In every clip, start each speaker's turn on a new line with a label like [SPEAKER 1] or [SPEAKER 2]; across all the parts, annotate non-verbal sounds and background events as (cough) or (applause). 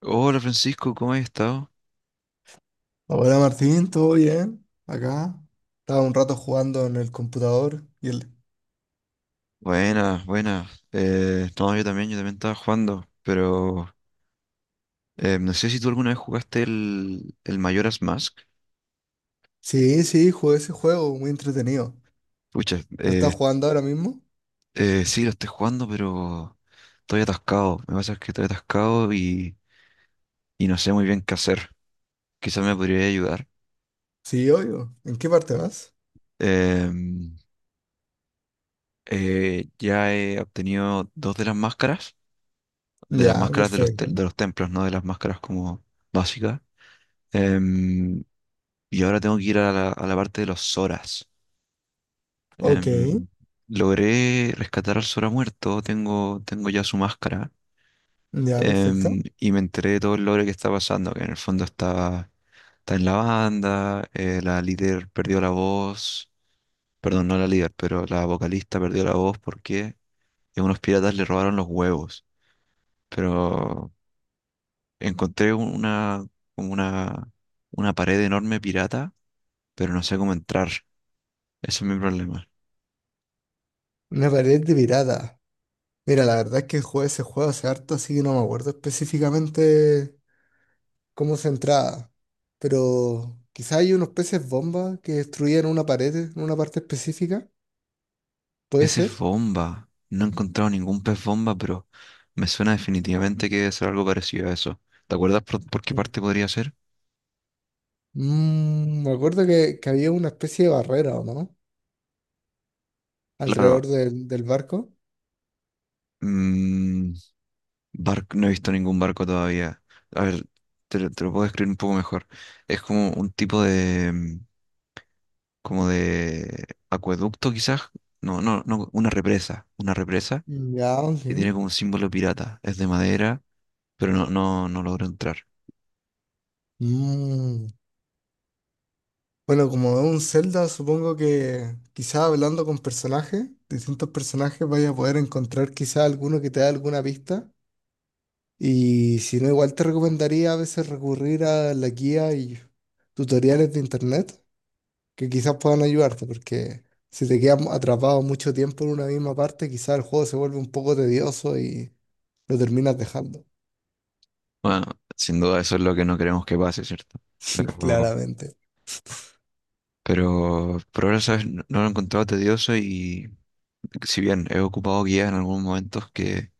[SPEAKER 1] Hola Francisco, ¿cómo has estado?
[SPEAKER 2] Hola Martín, ¿todo bien? Acá. Estaba un rato jugando en el computador y el...
[SPEAKER 1] Buenas, buenas. No, yo también estaba jugando, pero no sé si tú alguna vez jugaste el Majora's Mask.
[SPEAKER 2] Sí, sí, jugué ese juego, muy entretenido.
[SPEAKER 1] Pucha,
[SPEAKER 2] ¿Lo
[SPEAKER 1] eh,
[SPEAKER 2] estás jugando ahora mismo?
[SPEAKER 1] sí, lo estoy jugando, pero estoy atascado. Me pasa que estoy atascado y no sé muy bien qué hacer. Quizás me podría ayudar.
[SPEAKER 2] Sí, obvio. ¿En qué parte vas?
[SPEAKER 1] Em, ya he obtenido dos de las máscaras, de las
[SPEAKER 2] Ya,
[SPEAKER 1] máscaras de
[SPEAKER 2] perfecto.
[SPEAKER 1] de los templos, no de las máscaras como básicas. Em, Y ahora tengo que ir a a la parte de los Zoras.
[SPEAKER 2] Ok,
[SPEAKER 1] Em, logré rescatar al Zora muerto, tengo ya su máscara.
[SPEAKER 2] ya, perfecto.
[SPEAKER 1] Y me enteré de todo el lore que está pasando, que en el fondo está en la banda. La líder perdió la voz, perdón, no la líder, pero la vocalista perdió la voz porque unos piratas le robaron los huevos. Pero encontré una, como una pared enorme pirata, pero no sé cómo entrar. Ese es mi problema.
[SPEAKER 2] Una pared de pirata. Mira, la verdad es que jugué ese juego hace harto, así que no me acuerdo específicamente cómo se entraba. Pero quizá hay unos peces bomba que destruían una pared en una parte específica. ¿Puede
[SPEAKER 1] Peces
[SPEAKER 2] ser?
[SPEAKER 1] bomba. No he encontrado ningún pez bomba, pero me suena definitivamente que debe ser algo parecido a eso. ¿Te acuerdas por qué
[SPEAKER 2] Mm.
[SPEAKER 1] parte podría ser?
[SPEAKER 2] Mm, me acuerdo que había una especie de barrera, ¿o no?
[SPEAKER 1] Claro,
[SPEAKER 2] Alrededor del barco.
[SPEAKER 1] mm, barco, no he visto ningún barco todavía. A ver, te lo puedo describir un poco mejor. Es como un tipo de, mm, como de acueducto quizás. No, no, no, una represa. Una represa
[SPEAKER 2] Ya, ok.
[SPEAKER 1] que tiene como un símbolo pirata. Es de madera, pero no logro entrar.
[SPEAKER 2] Mm. Bueno, como es un Zelda, supongo que quizás hablando con personajes, distintos personajes, vaya a poder encontrar quizás alguno que te dé alguna pista. Y si no, igual te recomendaría a veces recurrir a la guía y tutoriales de internet que quizás puedan ayudarte, porque si te quedas atrapado mucho tiempo en una misma parte, quizás el juego se vuelve un poco tedioso y lo terminas dejando.
[SPEAKER 1] Bueno, sin duda eso es lo que no queremos que pase, ¿cierto?
[SPEAKER 2] (laughs)
[SPEAKER 1] Pero
[SPEAKER 2] Claramente.
[SPEAKER 1] Pero por ahora, ¿sabes? No, no lo he encontrado tedioso, y si bien he ocupado guías en algunos momentos que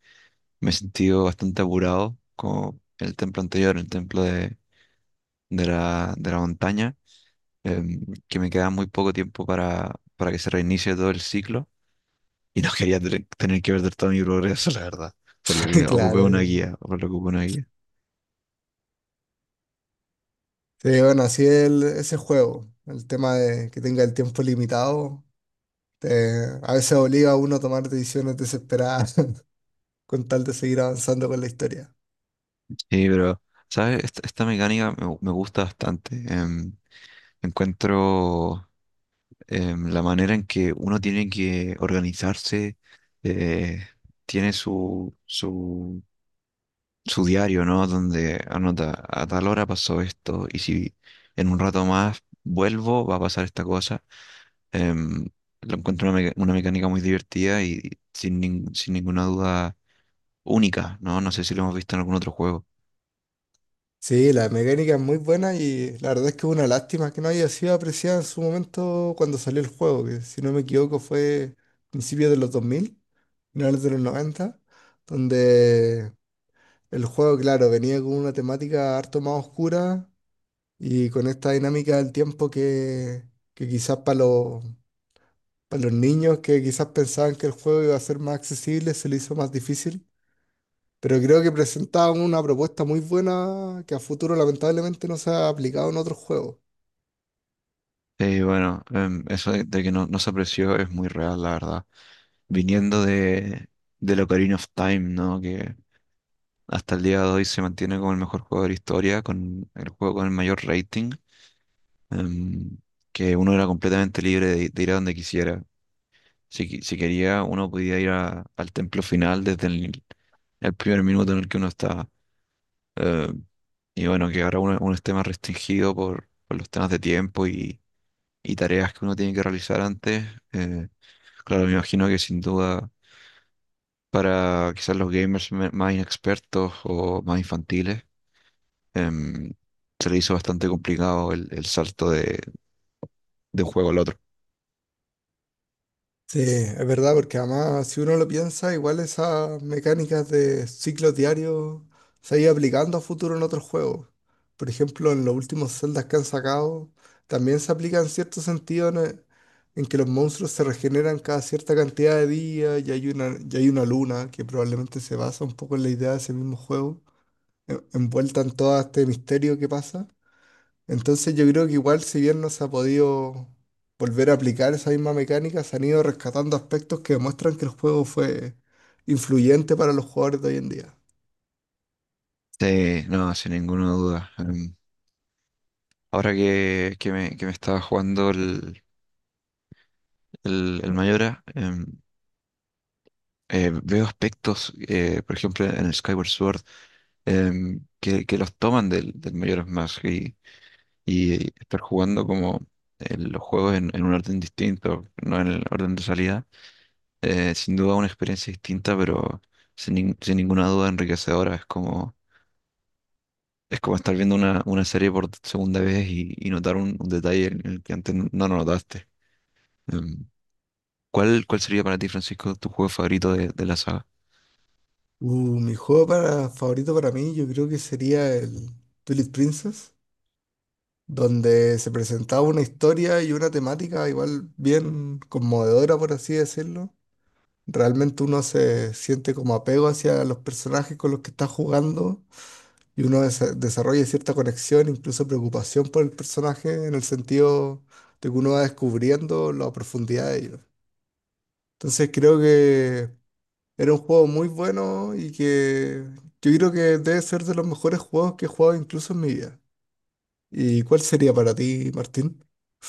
[SPEAKER 1] me he sentido bastante apurado, como el templo anterior, el templo de de la montaña, que me queda muy poco tiempo para que se reinicie todo el ciclo, y no quería tener que perder todo mi progreso, (laughs) la verdad,
[SPEAKER 2] (laughs) Claro. Claro.
[SPEAKER 1] por lo que ocupé una guía.
[SPEAKER 2] Sí, bueno, así es ese juego. El tema de que tenga el tiempo limitado, a veces obliga a uno a tomar decisiones desesperadas (laughs) con tal de seguir avanzando con la historia.
[SPEAKER 1] Sí, pero, ¿sabes? Esta mecánica me gusta bastante. Encuentro... la manera en que uno tiene que organizarse, eh, tiene su diario, ¿no? Donde anota, a tal hora pasó esto, y si en un rato más vuelvo, va a pasar esta cosa. Em, lo encuentro una mecánica muy divertida y sin ninguna duda única, ¿no? No sé si lo hemos visto en algún otro juego.
[SPEAKER 2] Sí, la mecánica es muy buena y la verdad es que es una lástima que no haya sido apreciada en su momento cuando salió el juego, que si no me equivoco fue principios de los 2000, finales de los 90, donde el juego, claro, venía con una temática harto más oscura y con esta dinámica del tiempo que quizás para los niños que quizás pensaban que el juego iba a ser más accesible, se le hizo más difícil. Pero creo que presentaban una propuesta muy buena que a futuro lamentablemente no se ha aplicado en otros juegos.
[SPEAKER 1] Eso de que no se apreció es muy real, la verdad. Viniendo de Ocarina of Time, ¿no? Que hasta el día de hoy se mantiene como el mejor juego de la historia, con el juego con el mayor rating, em, que uno era completamente libre de ir a donde quisiera. Si quería, uno podía ir al templo final desde el primer minuto en el que uno estaba. Eh, y bueno, que ahora uno esté más restringido por los temas de tiempo y tareas que uno tiene que realizar antes. eh, claro, me imagino que sin duda para quizás los gamers más inexpertos o más infantiles, em, se le hizo bastante complicado el salto de un juego al otro.
[SPEAKER 2] Sí, es verdad, porque además si uno lo piensa, igual esas mecánicas de ciclos diarios se han ido aplicando a futuro en otros juegos. Por ejemplo, en los últimos Zeldas que han sacado, también se aplica en cierto sentido en que los monstruos se regeneran cada cierta cantidad de días y hay una luna que probablemente se basa un poco en la idea de ese mismo juego, envuelta en todo este misterio que pasa. Entonces yo creo que igual si bien no se ha podido volver a aplicar esa misma mecánica, se han ido rescatando aspectos que demuestran que el juego fue influyente para los jugadores de hoy en día.
[SPEAKER 1] Sí, no, sin ninguna duda. Ahora que me estaba jugando el Mayora, veo aspectos, por ejemplo, en el Skyward Sword, que los toman del, del Majora's Mask y estar jugando como los juegos en un orden distinto, no en el orden de salida. Sin duda una experiencia distinta, pero sin ninguna duda enriquecedora. Es como estar viendo una serie por segunda vez y notar un detalle en el que antes no notaste. Em, ¿Cuál, cuál sería para ti, Francisco, tu juego favorito de la saga?
[SPEAKER 2] Mi juego favorito para mí yo creo que sería el Twilight Princess, donde se presentaba una historia y una temática igual bien conmovedora, por así decirlo. Realmente uno se siente como apego hacia los personajes con los que está jugando y uno desarrolla cierta conexión, incluso preocupación por el personaje, en el sentido de que uno va descubriendo la profundidad de ellos. Entonces creo que era un juego muy bueno y que yo creo que debe ser de los mejores juegos que he jugado incluso en mi vida. ¿Y cuál sería para ti, Martín?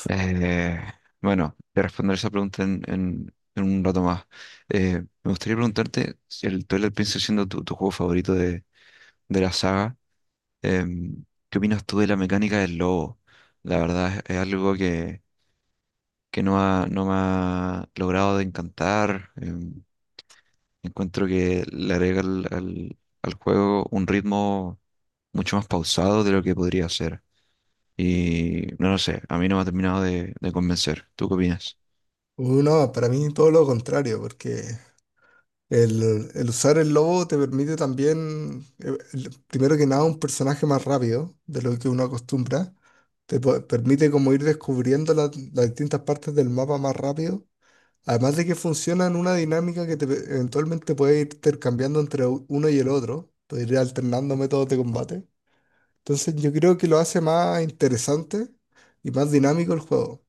[SPEAKER 1] Eh, bueno, te responderé esa pregunta en un rato más. Me gustaría preguntarte si el Twilight Princess, siendo tu, tu juego favorito de la saga, ¿qué opinas tú de la mecánica del lobo? La verdad es algo que no ha, no me ha logrado de encantar. Encuentro que le agrega al juego un ritmo mucho más pausado de lo que podría ser. Y no lo sé, a mí no me ha terminado de convencer. ¿Tú qué opinas?
[SPEAKER 2] No, para mí todo lo contrario, porque el usar el lobo te permite también, primero que nada, un personaje más rápido de lo que uno acostumbra. Permite como ir descubriendo las distintas partes del mapa más rápido. Además de que funciona en una dinámica que te, eventualmente puede ir intercambiando entre uno y el otro. Puedes ir alternando métodos de combate. Entonces yo creo que lo hace más interesante y más dinámico el juego.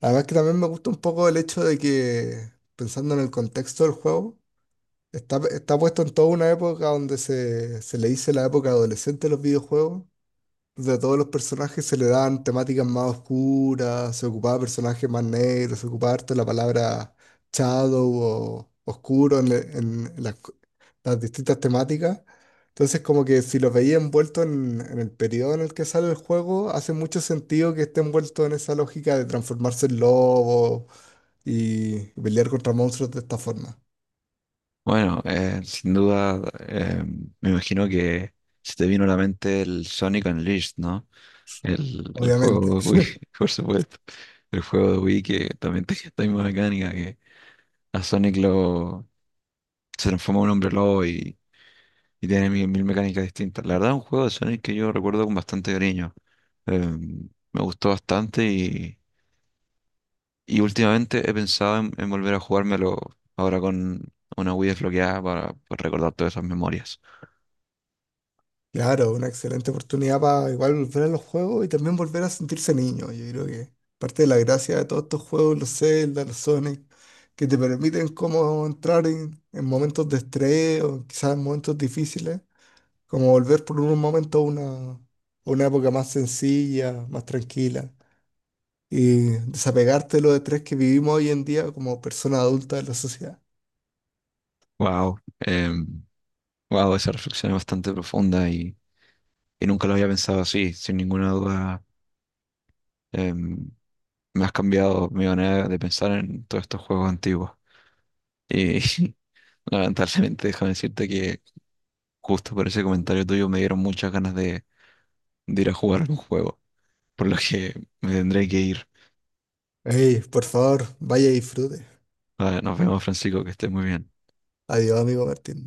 [SPEAKER 2] Además que también me gusta un poco el hecho de que, pensando en el contexto del juego, está puesto en toda una época donde se le dice la época adolescente de los videojuegos, entonces a todos los personajes se le dan temáticas más oscuras, se ocupaba personajes más negros, se ocupaba harto la palabra shadow o oscuro en las distintas temáticas. Entonces como que si los veía envuelto en el periodo en el que sale el juego, hace mucho sentido que esté envuelto en esa lógica de transformarse en lobo y pelear contra monstruos de esta forma,
[SPEAKER 1] Bueno, sin duda, eh, me imagino que se te vino a la mente el Sonic Unleashed, ¿no? El juego
[SPEAKER 2] obviamente.
[SPEAKER 1] de Wii,
[SPEAKER 2] (laughs)
[SPEAKER 1] (laughs) por supuesto. El juego de Wii que también (laughs) tiene esta misma mecánica que a Sonic lo se transforma en un hombre lobo, y tiene mil mecánicas distintas. La verdad, es un juego de Sonic que yo recuerdo con bastante cariño. Eh, me gustó bastante y últimamente he pensado en volver a jugármelo ahora con una Wii desbloqueada para recordar todas esas memorias.
[SPEAKER 2] Claro, una excelente oportunidad para igual volver a los juegos y también volver a sentirse niño. Yo creo que parte de la gracia de todos estos juegos, los Zelda, los Sonic, que te permiten como entrar en momentos de estrés o quizás en momentos difíciles, como volver por un momento a una época más sencilla, más tranquila y desapegarte de los estrés que vivimos hoy en día como persona adulta de la sociedad.
[SPEAKER 1] Wow. Wow, esa reflexión es bastante profunda y nunca lo había pensado así. Sin ninguna duda, em, me has cambiado mi manera de pensar en todos estos juegos antiguos. Y (laughs) lamentablemente, déjame decirte que justo por ese comentario tuyo me dieron muchas ganas de ir a jugar un juego, por lo que me tendré que ir.
[SPEAKER 2] Ey, por favor, vaya y disfrute.
[SPEAKER 1] Ah, nos vemos, Francisco, que estés muy bien.
[SPEAKER 2] Adiós, amigo Martín.